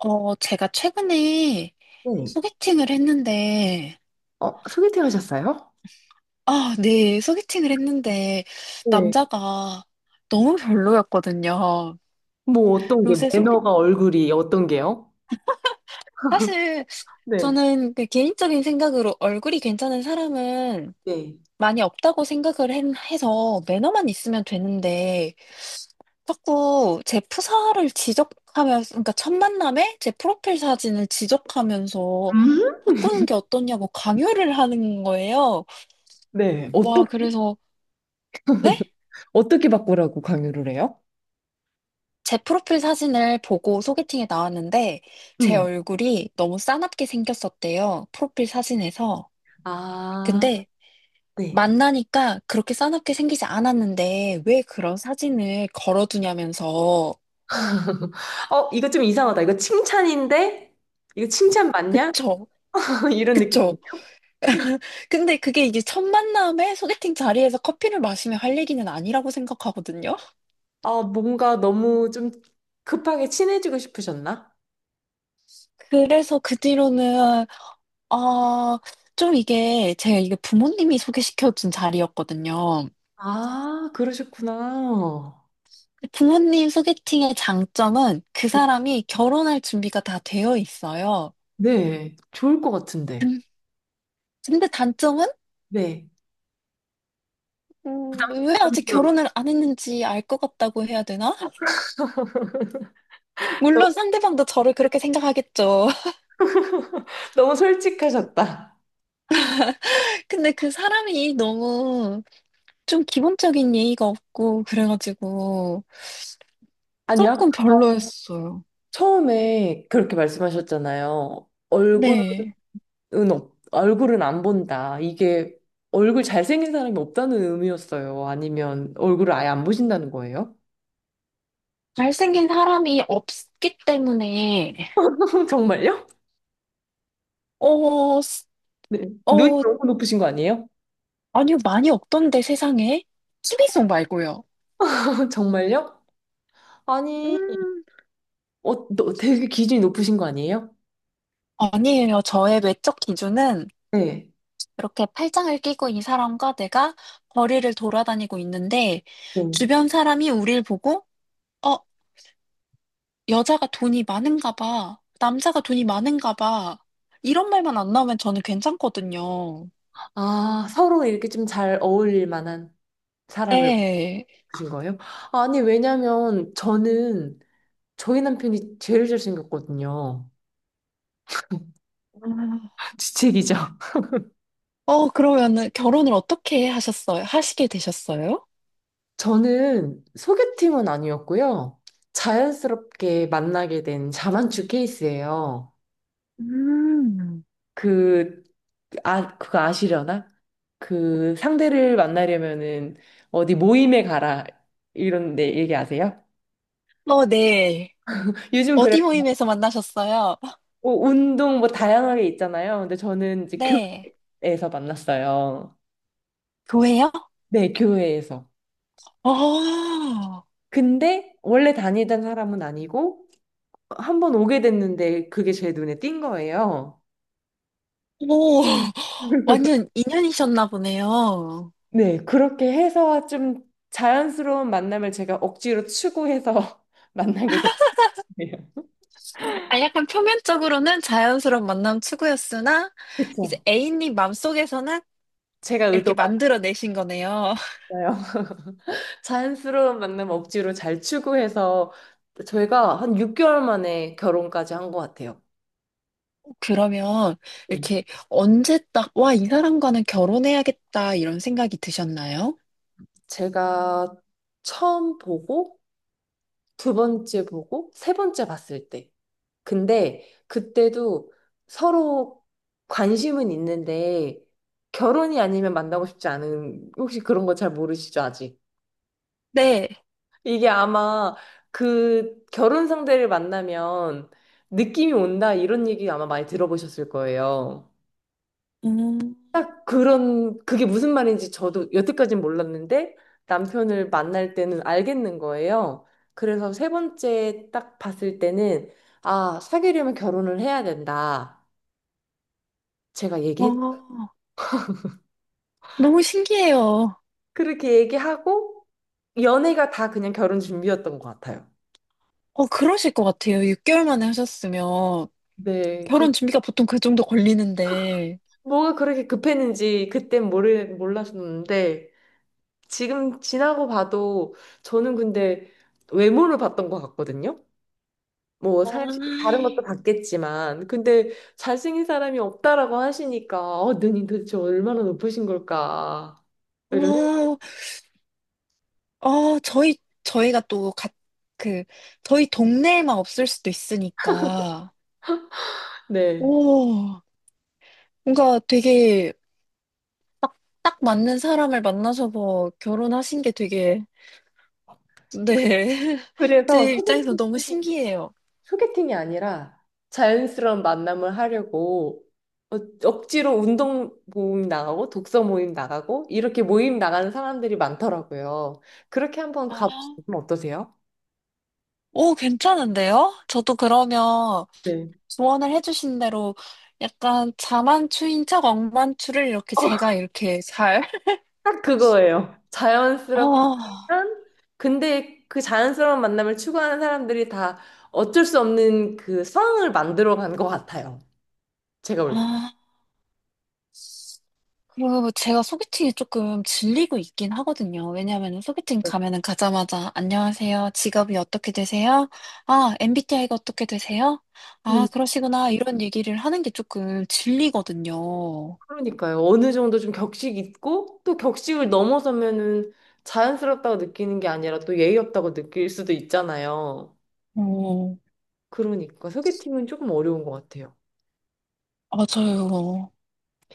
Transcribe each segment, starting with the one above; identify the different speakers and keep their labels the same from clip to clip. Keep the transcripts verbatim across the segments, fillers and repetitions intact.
Speaker 1: 어, 제가 최근에
Speaker 2: 네.
Speaker 1: 소개팅을 했는데,
Speaker 2: 어, 소개팅 하셨어요?
Speaker 1: 아, 네, 소개팅을 했는데,
Speaker 2: 네.
Speaker 1: 남자가 너무 별로였거든요.
Speaker 2: 뭐 어떤 게
Speaker 1: 요새 소개,
Speaker 2: 매너가 얼굴이 어떤 게요?
Speaker 1: 사실
Speaker 2: 네.
Speaker 1: 저는 그 개인적인 생각으로 얼굴이 괜찮은 사람은
Speaker 2: 네.
Speaker 1: 많이 없다고 생각을 한- 해서 매너만 있으면 되는데, 자꾸 제 프사를 지적하면서, 그러니까 첫 만남에 제 프로필 사진을 지적하면서
Speaker 2: 음?
Speaker 1: 바꾸는 게 어떠냐고 강요를 하는 거예요.
Speaker 2: 네.
Speaker 1: 와,
Speaker 2: 어떻게
Speaker 1: 그래서 네?
Speaker 2: 어떻게 바꾸라고 강요를 해요?
Speaker 1: 제 프로필 사진을 보고 소개팅에 나왔는데 제
Speaker 2: 음.
Speaker 1: 얼굴이 너무 싸납게 생겼었대요. 프로필 사진에서.
Speaker 2: 아,
Speaker 1: 근데
Speaker 2: 네.
Speaker 1: 만나니까 그렇게 싸납게 생기지 않았는데 왜 그런 사진을 걸어두냐면서.
Speaker 2: 어, 이거 좀 이상하다. 이거 칭찬인데? 이거 칭찬 맞냐?
Speaker 1: 그쵸?
Speaker 2: 이런 느낌이에요?
Speaker 1: 그쵸? 근데 그게 이제 첫 만남에 소개팅 자리에서 커피를 마시며 할 얘기는 아니라고 생각하거든요.
Speaker 2: 아, 뭔가 너무 좀 급하게 친해지고 싶으셨나?
Speaker 1: 그래서 그 뒤로는 아, 좀 이게 제가 이게 부모님이 소개시켜준 자리였거든요.
Speaker 2: 아, 그러셨구나.
Speaker 1: 부모님 소개팅의 장점은 그 사람이 결혼할 준비가 다 되어 있어요.
Speaker 2: 네, 좋을 것 같은데.
Speaker 1: 근- 근데 단점은
Speaker 2: 네.
Speaker 1: 음, 왜 아직
Speaker 2: 부담스러워.
Speaker 1: 결혼을 안 했는지 알 것 같다고 해야 되나? 물론 상대방도 저를 그렇게 생각하겠죠.
Speaker 2: 너무 솔직하셨다.
Speaker 1: 근데 그 사람이 너무 좀 기본적인 예의가 없고 그래가지고
Speaker 2: 아니, 아
Speaker 1: 조금 별로였어요.
Speaker 2: 처음에 그렇게 말씀하셨잖아요.
Speaker 1: 네.
Speaker 2: 얼굴은, 없, 얼굴은 안 본다. 이게 얼굴 잘생긴 사람이 없다는 의미였어요? 아니면 얼굴을 아예 안 보신다는 거예요?
Speaker 1: 잘생긴 사람이 없기 때문에
Speaker 2: 정말요?
Speaker 1: 어, 스-
Speaker 2: 네. 눈이
Speaker 1: 어,
Speaker 2: 너무 높으신 거 아니에요?
Speaker 1: 아니요, 많이 없던데 세상에. t 비송 말고요.
Speaker 2: 정말요? 아니,
Speaker 1: 음,
Speaker 2: 어, 너 되게 기준이 높으신 거 아니에요?
Speaker 1: 아니에요. 저의 외적 기준은
Speaker 2: 네.
Speaker 1: 이렇게 팔짱을 끼고 이 사람과 내가 거리를 돌아다니고 있는데
Speaker 2: 네.
Speaker 1: 주변 사람이 우릴 보고 어, 여자가 돈이 많은가 봐. 남자가 돈이 많은가 봐. 이런 말만 안 나오면 저는 괜찮거든요.
Speaker 2: 아, 서로 이렇게 좀 잘 어울릴 만한 사람을
Speaker 1: 네.
Speaker 2: 보신 거예요? 아니, 왜냐면 저는 저희 남편이 제일 잘생겼거든요.
Speaker 1: 아,
Speaker 2: 주책이죠.
Speaker 1: 어, 그러면은 결혼을 어떻게 하셨어요? 하시게 되셨어요?
Speaker 2: 저는 소개팅은 아니었고요. 자연스럽게 만나게 된 자만추 케이스예요.
Speaker 1: 음.
Speaker 2: 그, 아, 그거 아시려나? 그 상대를 만나려면은 어디 모임에 가라. 이런데 얘기 아세요?
Speaker 1: 어, 네.
Speaker 2: 요즘 그래,
Speaker 1: 어디 모임에서 만나셨어요?
Speaker 2: 뭐 운동 뭐 다양하게 있잖아요. 근데 저는 이제
Speaker 1: 네.
Speaker 2: 교회에서 만났어요.
Speaker 1: 교회요?
Speaker 2: 네, 교회에서.
Speaker 1: 어.
Speaker 2: 근데 원래 다니던 사람은 아니고, 한 번 오게 됐는데 그게 제 눈에 띈 거예요.
Speaker 1: 오, 완전 인연이셨나 보네요.
Speaker 2: 네, 그렇게 해서 좀 자연스러운 만남을 제가 억지로 추구해서 만나게 됐네요.
Speaker 1: 아, 약간 표면적으로는 자연스러운 만남 추구였으나, 이제
Speaker 2: 그쵸?
Speaker 1: 애인님 마음속에서는
Speaker 2: 제가
Speaker 1: 이렇게
Speaker 2: 의도가
Speaker 1: 만들어내신 거네요.
Speaker 2: 아니었어요. 자연스러운 만남 억지로 잘 추구해서 저희가 한 육 개월 만에 결혼까지 한 것 같아요.
Speaker 1: 그러면
Speaker 2: 음.
Speaker 1: 이렇게 언제 딱, 와, 이 사람과는 결혼해야겠다, 이런 생각이 드셨나요?
Speaker 2: 제가 처음 보고 두 번째 보고 세 번째 봤을 때, 근데 그때도 서로 관심은 있는데 결혼이 아니면 만나고 싶지 않은, 혹시 그런 거 잘 모르시죠, 아직?
Speaker 1: 네.
Speaker 2: 이게 아마 그 결혼 상대를 만나면 느낌이 온다, 이런 얘기 아마 많이 들어보셨을 거예요.
Speaker 1: 음,
Speaker 2: 그런, 그게 무슨 말인지 저도 여태까진 몰랐는데 남편을 만날 때는 알겠는 거예요. 그래서 세 번째 딱 봤을 때는 아, 사귀려면 결혼을 해야 된다. 제가 얘기
Speaker 1: 와,
Speaker 2: 했
Speaker 1: 너무 신기해요.
Speaker 2: 그렇게 얘기하고 연애가 다 그냥 결혼 준비였던 것 같아요.
Speaker 1: 어, 그러실 것 같아요. 육 개월 만에 하셨으면.
Speaker 2: 네, 그
Speaker 1: 결혼 준비가 보통 그 정도 걸리는데.
Speaker 2: 뭐가 그렇게 급했는지 그땐 모르 몰랐었는데 지금 지나고 봐도 저는 근데 외모를 봤던 것 같거든요. 뭐
Speaker 1: 와,
Speaker 2: 사실 다른 것도 봤겠지만 근데 잘생긴 사람이 없다라고 하시니까 어, 눈이 도대체 얼마나 높으신 걸까 이런 생각-
Speaker 1: 와, 어, 저희, 저희가 또 가, 그, 저희 동네에만 없을 수도 있으니까,
Speaker 2: 네.
Speaker 1: 오, 뭔가 되게 딱 맞는 사람을 만나서 뭐 결혼하신 게 되게, 네.
Speaker 2: 그래서
Speaker 1: 제 입장에서 너무 신기해요.
Speaker 2: 소개팅이 아니라 자연스러운 만남을 하려고 어- 억지로 운동 모임 나가고 독서 모임 나가고 이렇게 모임 나가는 사람들이 많더라고요. 그렇게 한번
Speaker 1: 아,
Speaker 2: 가보시면 어떠세요?
Speaker 1: 오, 괜찮은데요? 저도 그러면
Speaker 2: 네.
Speaker 1: 조언을 해주신 대로 약간 자만추인 척 억만추를 이렇게 제가 이렇게 잘,
Speaker 2: 딱 그거예요. 자연스럽지만
Speaker 1: 아,
Speaker 2: 근데 그 자연스러운 만남을 추구하는 사람들이 다 어쩔 수 없는 그 상황을 만들어 간 것 같아요. 제가 볼
Speaker 1: 아. 그리고 제가 소개팅이 조금 질리고 있긴 하거든요. 왜냐하면 소개팅 가면은 가자마자 안녕하세요. 직업이 어떻게 되세요? 아, 엠비티아이가 어떻게 되세요? 아,
Speaker 2: 때.
Speaker 1: 그러시구나. 이런 얘기를 하는 게 조금 질리거든요.
Speaker 2: 그러니까요. 어느 정도 좀 격식 있고 또 격식을 넘어서면은 자연스럽다고 느끼는 게 아니라 또 예의 없다고 느낄 수도 있잖아요.
Speaker 1: 어,
Speaker 2: 그러니까 소개팅은 조금 어려운 것 같아요.
Speaker 1: 맞아요.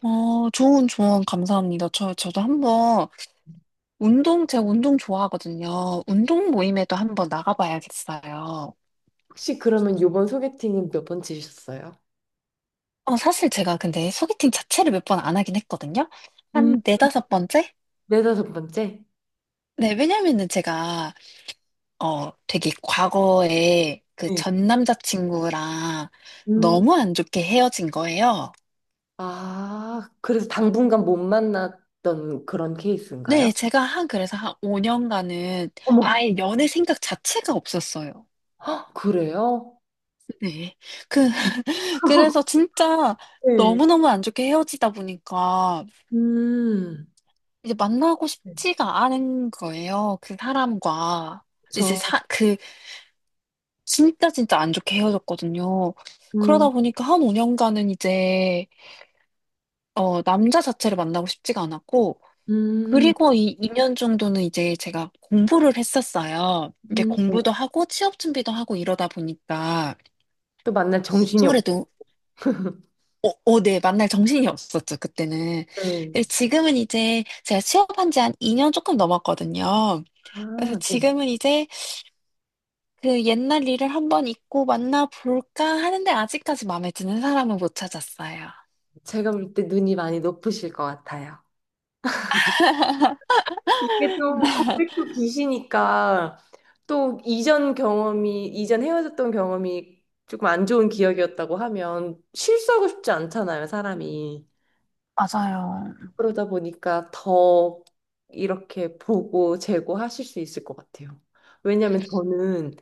Speaker 1: 어, 좋은 조언 감사합니다. 저, 저도 한번 운동, 제가 운동 좋아하거든요. 운동 모임에도 한번 나가봐야겠어요.
Speaker 2: 혹시 그러면 이번 소개팅은 몇 번째셨어요?
Speaker 1: 어, 사실 제가 근데 소개팅 자체를 몇 번 안 하긴 했거든요.
Speaker 2: 음,
Speaker 1: 한 네다섯 번째?
Speaker 2: 네다섯 번째?
Speaker 1: 네, 왜냐면은 제가, 어, 되게 과거에 그
Speaker 2: 네.
Speaker 1: 전 남자친구랑
Speaker 2: 음.
Speaker 1: 너무 안 좋게 헤어진 거예요.
Speaker 2: 아, 그래서 당분간 못 만났던 그런 케이스인가요?
Speaker 1: 네, 제가 한, 그래서 한 오 년간은
Speaker 2: 어머.
Speaker 1: 아예 연애 생각 자체가 없었어요.
Speaker 2: 헉, 그래요?
Speaker 1: 네. 그, 그래서 진짜
Speaker 2: 네.
Speaker 1: 너무너무 안 좋게 헤어지다 보니까
Speaker 2: 음,
Speaker 1: 이제 만나고
Speaker 2: 네.
Speaker 1: 싶지가 않은 거예요. 그 사람과. 이제
Speaker 2: 저,
Speaker 1: 사, 그, 진짜 진짜 안 좋게 헤어졌거든요. 그러다
Speaker 2: 음,
Speaker 1: 보니까 한 오 년간은 이제 어, 남자 자체를 만나고 싶지가 않았고,
Speaker 2: 음,
Speaker 1: 그리고 이 2년 정도는 이제 제가 공부를 했었어요. 이게
Speaker 2: 음.
Speaker 1: 공부도
Speaker 2: 네.
Speaker 1: 하고 취업 준비도 하고 이러다 보니까
Speaker 2: 또 만날 정신이 없
Speaker 1: 아무래도 어, 어, 네, 만날 정신이 없었죠, 그때는.
Speaker 2: 네
Speaker 1: 근데 지금은 이제 제가 취업한 지 한 이 년 조금 넘었거든요. 그래서
Speaker 2: 아, 네.
Speaker 1: 지금은 이제 그 옛날 일을 한번 잊고 만나볼까 하는데 아직까지 마음에 드는 사람은 못 찾았어요.
Speaker 2: 제가 볼 때 눈이 많이 높으실 것 같아요. 이게 또 고백도 기시니까, 또 이전 경험이, 이전 헤어졌던 경험이 조금 안 좋은 기억이었다고 하면 실수하고 싶지 않잖아요, 사람이.
Speaker 1: 맞아요.
Speaker 2: 그러다 보니까 더 이렇게 보고 재고하실 수 있을 것 같아요. 왜냐면 저는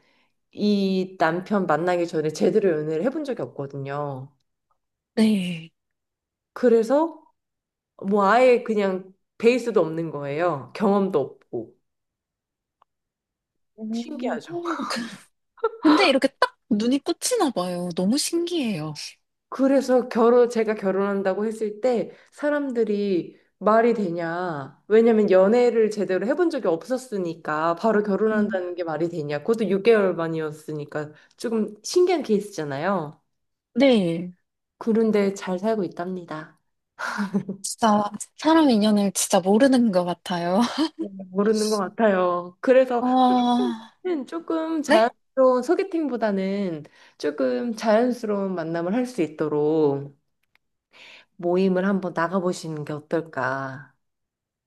Speaker 2: 이 남편 만나기 전에 제대로 연애를 해본 적이 없거든요.
Speaker 1: 네.
Speaker 2: 그래서 뭐 아예 그냥 베이스도 없는 거예요. 경험도 없고. 신기하죠.
Speaker 1: 오. 근데 이렇게 딱 눈이 꽂히나 봐요. 너무 신기해요.
Speaker 2: 그래서 결혼, 제가 결혼한다고 했을 때 사람들이 말이 되냐. 왜냐면 연애를 제대로 해본 적이 없었으니까 바로
Speaker 1: 음.
Speaker 2: 결혼한다는 게 말이 되냐. 그것도 육 개월 만이었으니까 조금 신기한 케이스잖아요.
Speaker 1: 네.
Speaker 2: 그런데 잘 살고 있답니다.
Speaker 1: 진짜 사람 인연을 진짜 모르는 것 같아요.
Speaker 2: 모르는 것 같아요. 그래서
Speaker 1: 아,
Speaker 2: 는 조금
Speaker 1: 네?
Speaker 2: 자연스러운 소개팅보다는 조금 자연스러운 만남을 할 수 있도록 모임을 한번 나가보시는 게 어떨까?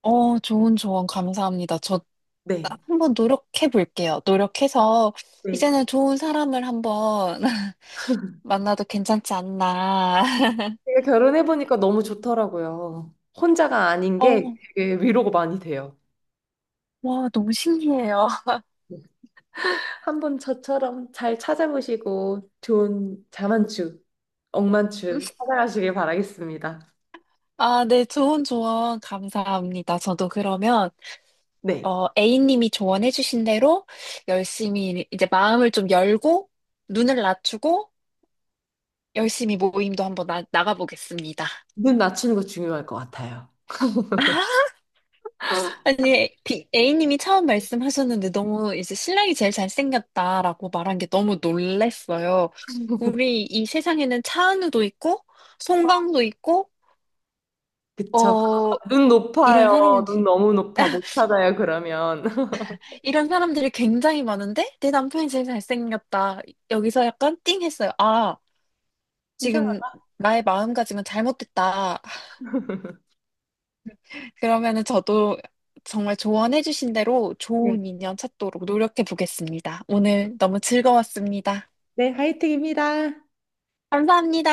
Speaker 1: 어, 좋은 조언 감사합니다. 저
Speaker 2: 네.
Speaker 1: 한번 노력해 볼게요. 노력해서
Speaker 2: 네.
Speaker 1: 이제는 좋은 사람을 한번 만나도 괜찮지 않나.
Speaker 2: 제가 결혼해보니까 너무 좋더라고요. 혼자가 아닌 게
Speaker 1: 어,
Speaker 2: 되게 위로가 많이 돼요.
Speaker 1: 와, 너무 신기해요.
Speaker 2: 한번 저처럼 잘 찾아보시고 좋은 자만추, 억만추 찾아가시길 바라겠습니다.
Speaker 1: 아, 네, 좋은 조언 감사합니다. 저도 그러면
Speaker 2: 네.
Speaker 1: 어, A님이 조언해주신 대로 열심히 이제 마음을 좀 열고 눈을 낮추고 열심히 모임도 한번 나, 나가보겠습니다.
Speaker 2: 눈 낮추는 거 중요할 것 같아요.
Speaker 1: 아니, 비- A님이 처음 말씀하셨는데 너무 이제 신랑이 제일 잘생겼다라고 말한 게 너무 놀랬어요. 우리 이 세상에는 차은우도 있고, 송강도 있고,
Speaker 2: 그쵸?
Speaker 1: 어,
Speaker 2: 눈
Speaker 1: 이런
Speaker 2: 높아요.
Speaker 1: 사람이
Speaker 2: 눈 너무 높아. 못 찾아요, 그러면.
Speaker 1: 이런 사람들이 굉장히 많은데 내 남편이 제일 잘생겼다. 여기서 약간 띵 했어요. 아,
Speaker 2: 이상하네.
Speaker 1: 지금 나의 마음가짐은 잘못됐다. 그러면은 저도 정말 조언해 주신 대로 좋은 인연 찾도록 노력해 보겠습니다. 오늘 너무 즐거웠습니다.
Speaker 2: 네, 하이팅입니다.
Speaker 1: 감사합니다.